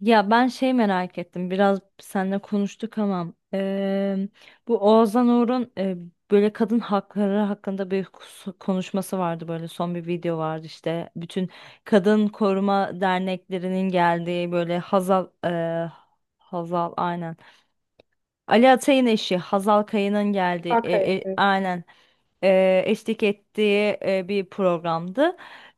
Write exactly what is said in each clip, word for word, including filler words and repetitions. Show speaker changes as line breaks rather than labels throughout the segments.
Ya ben şey merak ettim, biraz seninle konuştuk ama eee, bu Oğuzhan Uğur'un eee, böyle kadın hakları hakkında bir kus- konuşması vardı, böyle son bir video vardı. İşte bütün kadın koruma derneklerinin geldiği, böyle Hazal eee, Hazal aynen, Ali Atay'ın eşi Hazal Kaya'nın geldiği,
Arkaya.
e, e,
Evet.
aynen, e, eşlik ettiği e, bir programdı.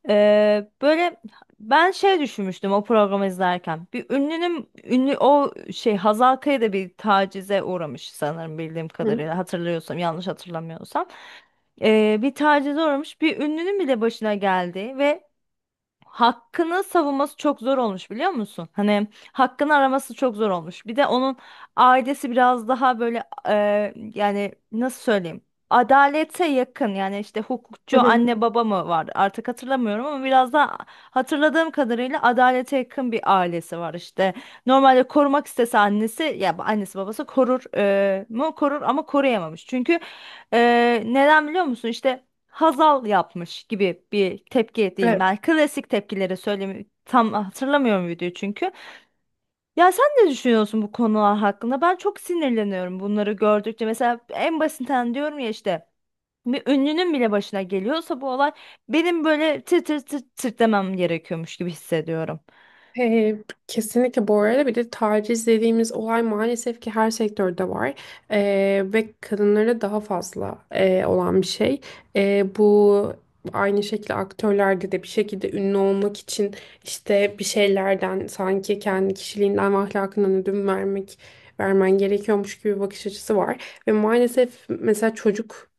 E, böyle ben şey düşünmüştüm o programı izlerken. Bir ünlünün ünlü o şey Hazal Kaya da bir tacize uğramış sanırım, bildiğim
Hı.
kadarıyla, hatırlıyorsam, yanlış hatırlamıyorsam. E, bir tacize uğramış, bir ünlünün bile başına geldi ve hakkını savunması çok zor olmuş, biliyor musun? Hani hakkını araması çok zor olmuş. Bir de onun ailesi biraz daha böyle e, yani nasıl söyleyeyim? Adalete yakın yani, işte
Hı
hukukçu
hı.
anne baba mı var, artık hatırlamıyorum, ama biraz daha hatırladığım kadarıyla adalete yakın bir ailesi var işte. Normalde korumak istese annesi, ya annesi babası korur, e, mu korur, ama koruyamamış. Çünkü e, neden biliyor musun? İşte Hazal yapmış gibi bir tepki diyeyim
Evet.
ben. Klasik tepkileri, söylemi tam hatırlamıyorum videoyu çünkü. Ya sen ne düşünüyorsun bu konular hakkında? Ben çok sinirleniyorum bunları gördükçe. Mesela en basitinden diyorum ya, işte bir ünlünün bile başına geliyorsa bu olay, benim böyle tır tır tır tır demem gerekiyormuş gibi hissediyorum.
Ee, Kesinlikle bu arada, bir de taciz dediğimiz olay maalesef ki her sektörde var. Ee, ve kadınlara daha fazla e, olan bir şey. Ee, bu aynı şekilde aktörlerde de bir şekilde ünlü olmak için işte bir şeylerden sanki kendi kişiliğinden ve ahlakından ödün vermek vermen gerekiyormuş gibi bir bakış açısı var. Ve maalesef mesela çocuk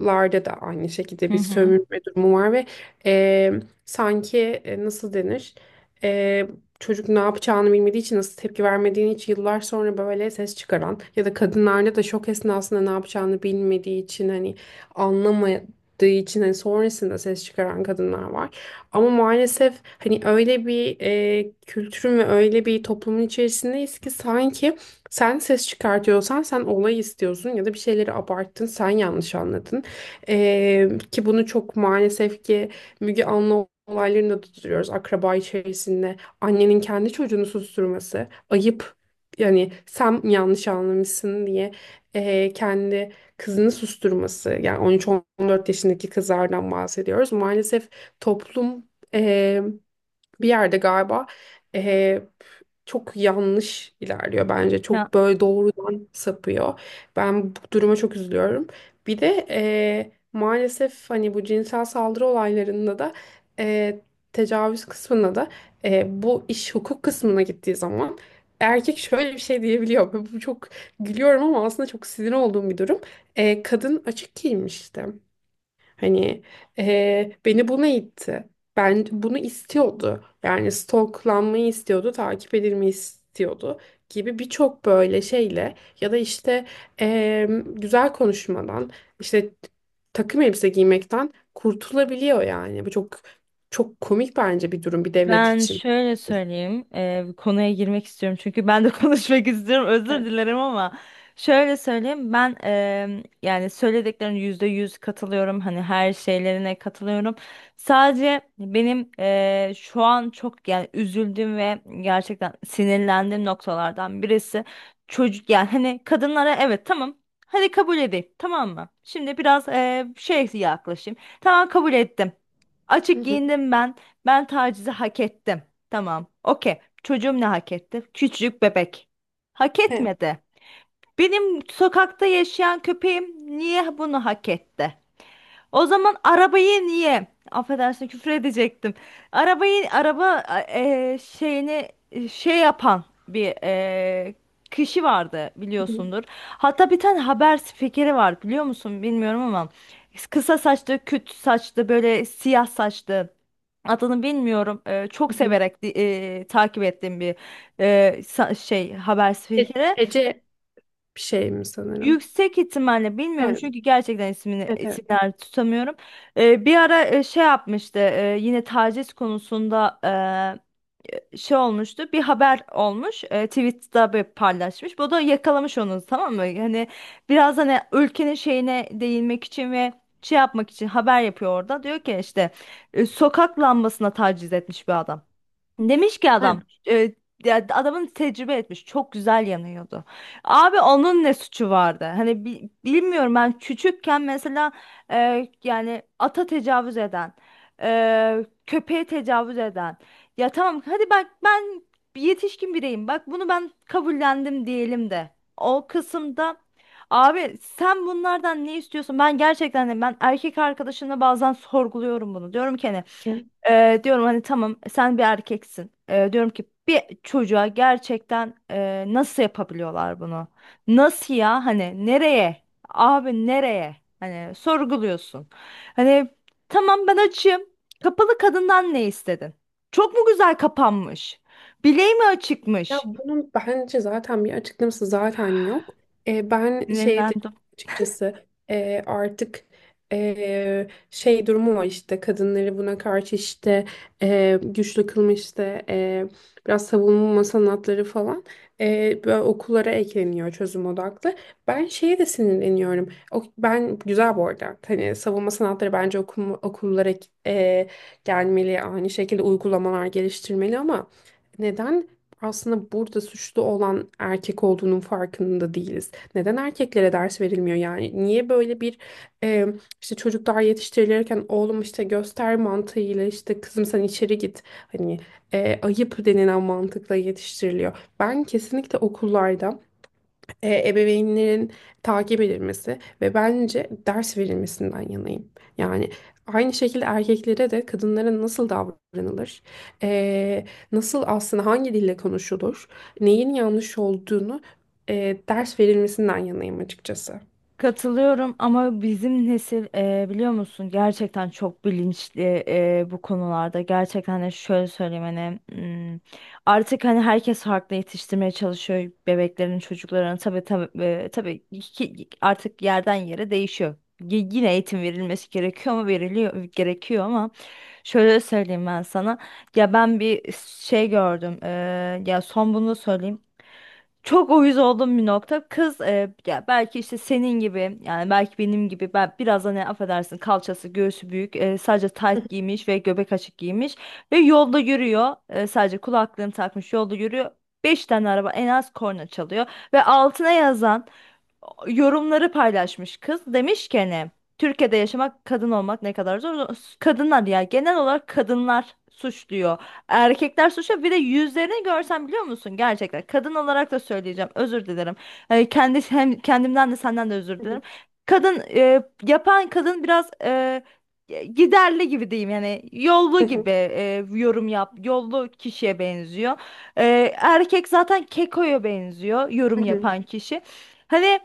larda da aynı şekilde
Hı
bir
hı.
sömürme durumu var ve e, sanki e, nasıl denir, E, çocuk ne yapacağını bilmediği için nasıl tepki vermediğini hiç yıllar sonra böyle ses çıkaran ya da kadınlarda da şok esnasında ne yapacağını bilmediği için, hani anlamadığı için, hani sonrasında ses çıkaran kadınlar var. Ama maalesef hani öyle bir e, kültürün ve öyle bir toplumun içerisindeyiz ki sanki sen ses çıkartıyorsan sen olay istiyorsun ya da bir şeyleri abarttın, sen yanlış anladın. Ee, ki bunu çok maalesef ki Müge Anlı olaylarında da tutuyoruz akraba içerisinde. Annenin kendi çocuğunu susturması ayıp. Yani sen yanlış anlamışsın diye ee, kendi kızını susturması. Yani on üç on dört yaşındaki kızlardan bahsediyoruz. Maalesef toplum bir yerde galiba eh, çok yanlış ilerliyor bence.
Ya,
Çok böyle doğrudan sapıyor. Ben bu duruma çok üzülüyorum. Bir de eh, maalesef hani bu cinsel saldırı olaylarında da eh, tecavüz kısmında da, eh, bu iş hukuk kısmına gittiği zaman erkek şöyle bir şey diyebiliyor. Bu çok, gülüyorum ama aslında çok sinir olduğum bir durum. Eh, kadın açık giymişti. Hani eee, beni buna itti. Ben bunu istiyordu. Yani stalklanmayı istiyordu, takip edilmeyi istiyordu gibi birçok böyle şeyle, ya da işte eee, güzel konuşmadan, işte takım elbise giymekten kurtulabiliyor yani. Bu çok çok komik bence bir durum bir devlet
ben
için.
şöyle söyleyeyim, eee, bir konuya girmek istiyorum, çünkü ben de konuşmak istiyorum. Özür
Evet.
dilerim ama şöyle söyleyeyim, ben eee yani söylediklerin yüzde yüz katılıyorum. Hani her şeylerine katılıyorum. Sadece benim eee, şu an çok yani üzüldüğüm ve gerçekten sinirlendiğim noktalardan birisi çocuk, yani hani kadınlara evet, tamam. Hadi kabul edeyim, tamam mı? Şimdi biraz eee şey yaklaşayım. Tamam, kabul ettim.
Hı
Açık
hı.
giyindim ben. Ben tacizi hak ettim. Tamam. Okey. Çocuğum ne hak etti? Küçücük bebek. Hak
Evet.
etmedi. Benim sokakta yaşayan köpeğim niye bunu hak etti? O zaman arabayı niye? Affedersin, küfür edecektim. Arabayı, araba e, şeyini, e, şey yapan bir e, kişi vardı,
Hı hı.
biliyorsundur. Hatta bir tane haber spikeri var, biliyor musun bilmiyorum ama, kısa saçlı, küt saçlı, böyle siyah saçlı. Adını bilmiyorum. E,
Hı
çok
hı.
severek di- e, takip ettiğim bir e, sa- şey haber
E-
spikeri.
Ece bir şey mi sanırım?
Yüksek ihtimalle, bilmiyorum
Evet.
çünkü gerçekten ismini,
Evet, evet.
isimler tutamıyorum. Ee, bir ara e, şey yapmıştı, e, yine taciz konusunda e, şey olmuştu, bir haber olmuş, e, Twitter'da bir paylaşmış. Bu da yakalamış onu, tamam mı? Hani biraz hani ülkenin şeyine değinmek için ve şey yapmak için haber yapıyor orada. Diyor ki işte e, sokak lambasına taciz etmiş bir adam. Demiş ki adam, e, ya adamın, tecrübe etmiş, çok güzel yanıyordu. Abi onun ne suçu vardı? Hani bi- bilmiyorum, ben küçükken mesela e, yani ata tecavüz eden, e, köpeğe tecavüz eden. Ya tamam, hadi bak, ben bir yetişkin bireyim. Bak, bunu ben kabullendim diyelim de. O kısımda, abi sen bunlardan ne istiyorsun? Ben gerçekten de, ben erkek arkadaşımla bazen sorguluyorum bunu. Diyorum ki hani
Evet.
ee, diyorum hani tamam, sen bir erkeksin. Ee, diyorum ki bir çocuğa gerçekten e, nasıl yapabiliyorlar bunu? Nasıl ya, hani nereye? Abi nereye? Hani sorguluyorsun. Hani tamam, ben açığım. Kapalı kadından ne istedin? Çok mu güzel kapanmış? Bileği mi
Ya
açıkmış?
bunun bence zaten bir açıklaması zaten yok. E, ben şey de
Sinirlendim.
açıkçası, e, artık e, şey durumu var, işte kadınları buna karşı işte e, güçlü kılma, işte e, biraz savunma sanatları falan e, böyle okullara ekleniyor, çözüm odaklı. Ben şeye de sinirleniyorum. O, ben güzel bu arada. Hani savunma sanatları bence okum, okullara e, gelmeli, aynı şekilde uygulamalar geliştirmeli ama neden? Aslında burada suçlu olan erkek olduğunun farkında değiliz. Neden erkeklere ders verilmiyor yani? Niye böyle bir e, işte çocuklar yetiştirilirken oğlum işte göster mantığıyla, işte kızım sen içeri git, hani e, ayıp denilen mantıkla yetiştiriliyor. Ben kesinlikle okullarda e, ebeveynlerin takip edilmesi ve bence ders verilmesinden yanayım. Yani aynı şekilde erkeklere de kadınlara nasıl davranılır, e, nasıl aslında hangi dille konuşulur, neyin yanlış olduğunu e, ders verilmesinden yanayım açıkçası.
Katılıyorum ama bizim nesil e, biliyor musun, gerçekten çok bilinçli e, bu konularda. Gerçekten hani şöyle söyleyeyim hani, hmm, artık hani herkes farklı yetiştirmeye çalışıyor bebeklerin çocuklarını. Tabii tabii, e, tabii ki artık yerden yere değişiyor. Y- Yine eğitim verilmesi gerekiyor ama, veriliyor gerekiyor ama, şöyle söyleyeyim ben sana. Ya, ben bir şey gördüm. E, ya son bunu söyleyeyim. Çok uyuz olduğum bir nokta. Kız, e, ya belki işte senin gibi, yani belki benim gibi, ben biraz, hani affedersin, kalçası göğsü büyük, e, sadece tayt giymiş ve göbek açık giymiş ve yolda yürüyor. E, sadece kulaklığını takmış yolda yürüyor. Beş tane araba en az korna çalıyor, ve altına yazan yorumları paylaşmış kız. Demiş ki, hani Türkiye'de yaşamak, kadın olmak ne kadar zor. Kadınlar, ya genel olarak kadınlar suçluyor. Erkekler suçluyor. Bir de yüzlerini görsen, biliyor musun? Gerçekten kadın olarak da söyleyeceğim. Özür dilerim. Ee, kendi, hem kendimden de senden de özür
Hı hı.
dilerim. Kadın, e, yapan kadın biraz e, giderli gibi diyeyim, yani yollu
Hı
gibi,
hı.
e, yorum yap yollu kişiye benziyor. E, erkek zaten kekoya benziyor, yorum
Hı hı.
yapan kişi. Hani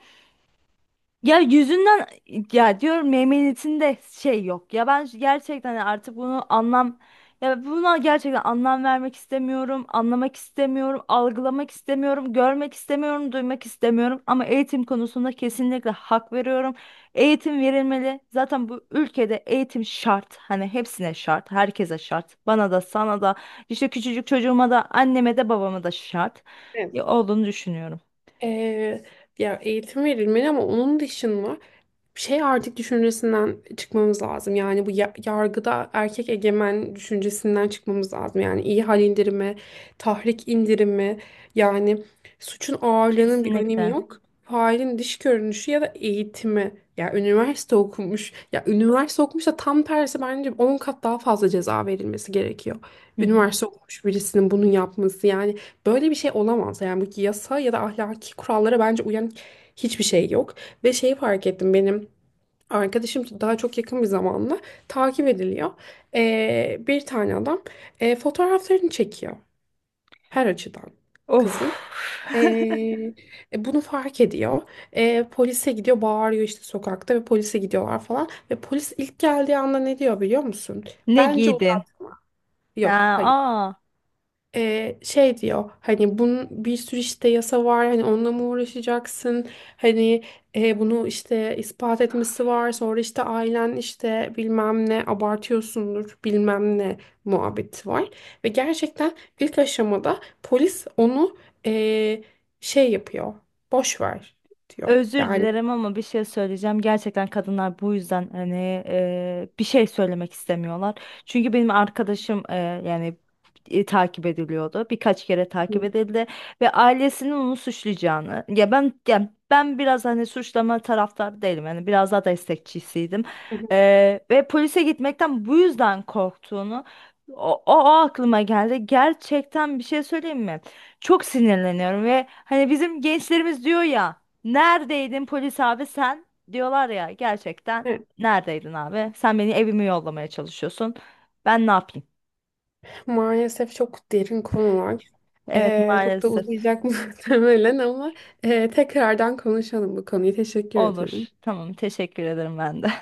ya yüzünden, ya diyorum meymenetinde şey yok. Ya ben gerçekten artık bunu anlam, ya buna gerçekten anlam vermek istemiyorum, anlamak istemiyorum, algılamak istemiyorum, görmek istemiyorum, duymak istemiyorum. Ama eğitim konusunda kesinlikle hak veriyorum. Eğitim verilmeli. Zaten bu ülkede eğitim şart. Hani hepsine şart, herkese şart. Bana da, sana da, işte küçücük çocuğuma da, anneme de, babama da şart.
Evet.
Ya olduğunu düşünüyorum.
Ee, Ya eğitim verilmeli ama onun dışında şey artık düşüncesinden çıkmamız lazım. Yani bu ya- yargıda erkek egemen düşüncesinden çıkmamız lazım. Yani iyi hal indirimi, tahrik indirimi, yani suçun ağırlığının bir önemi
Kesinlikle.
yok. Failin dış görünüşü ya da eğitimi. Ya üniversite okumuş. Ya üniversite okumuş da tam tersi bence on kat daha fazla ceza verilmesi gerekiyor.
Hı hı.
Üniversite okumuş birisinin bunu yapması yani. Böyle bir şey olamaz. Yani bu yasa ya da ahlaki kurallara bence uyan hiçbir şey yok. Ve şeyi fark ettim, benim arkadaşım daha çok yakın bir zamanla takip ediliyor. Ee, bir tane adam e, fotoğraflarını çekiyor her açıdan
Of.
kızın. Ee, e, Bunu fark ediyor. Ee, polise gidiyor, bağırıyor işte sokakta ve polise gidiyorlar falan. Ve polis ilk geldiği anda ne diyor biliyor musun?
Ne
Bence
giydin?
uzatma.
Ha,
Yok, hayır,
aa,
e, şey diyor hani bunun bir sürü işte yasa var, hani onunla mı uğraşacaksın, hani e, bunu işte ispat etmesi var, sonra işte ailen, işte bilmem ne, abartıyorsundur bilmem ne muhabbeti var ve gerçekten ilk aşamada polis onu e, şey yapıyor, boş ver diyor
özür
yani.
dilerim ama bir şey söyleyeceğim. Gerçekten kadınlar bu yüzden hani e, bir şey söylemek istemiyorlar. Çünkü benim arkadaşım, e, yani e, takip ediliyordu. Birkaç kere takip
Hı
edildi, ve ailesinin onu suçlayacağını. Ya ben ya ben biraz hani suçlama taraftarı değilim. Yani biraz daha destekçisiydim.
hı.
E, Ve polise gitmekten bu yüzden korktuğunu, O, o, o aklıma geldi. Gerçekten bir şey söyleyeyim mi? Çok sinirleniyorum ve hani bizim gençlerimiz diyor ya, neredeydin polis abi sen? Diyorlar ya, gerçekten
Hı.
neredeydin abi? Sen beni evime yollamaya çalışıyorsun. Ben ne yapayım?
Maalesef çok derin konular.
Evet,
Ee, çok da
maalesef.
uzayacak muhtemelen ama e, tekrardan konuşalım bu konuyu. Teşekkür ederim.
Olur. Tamam, teşekkür ederim ben de.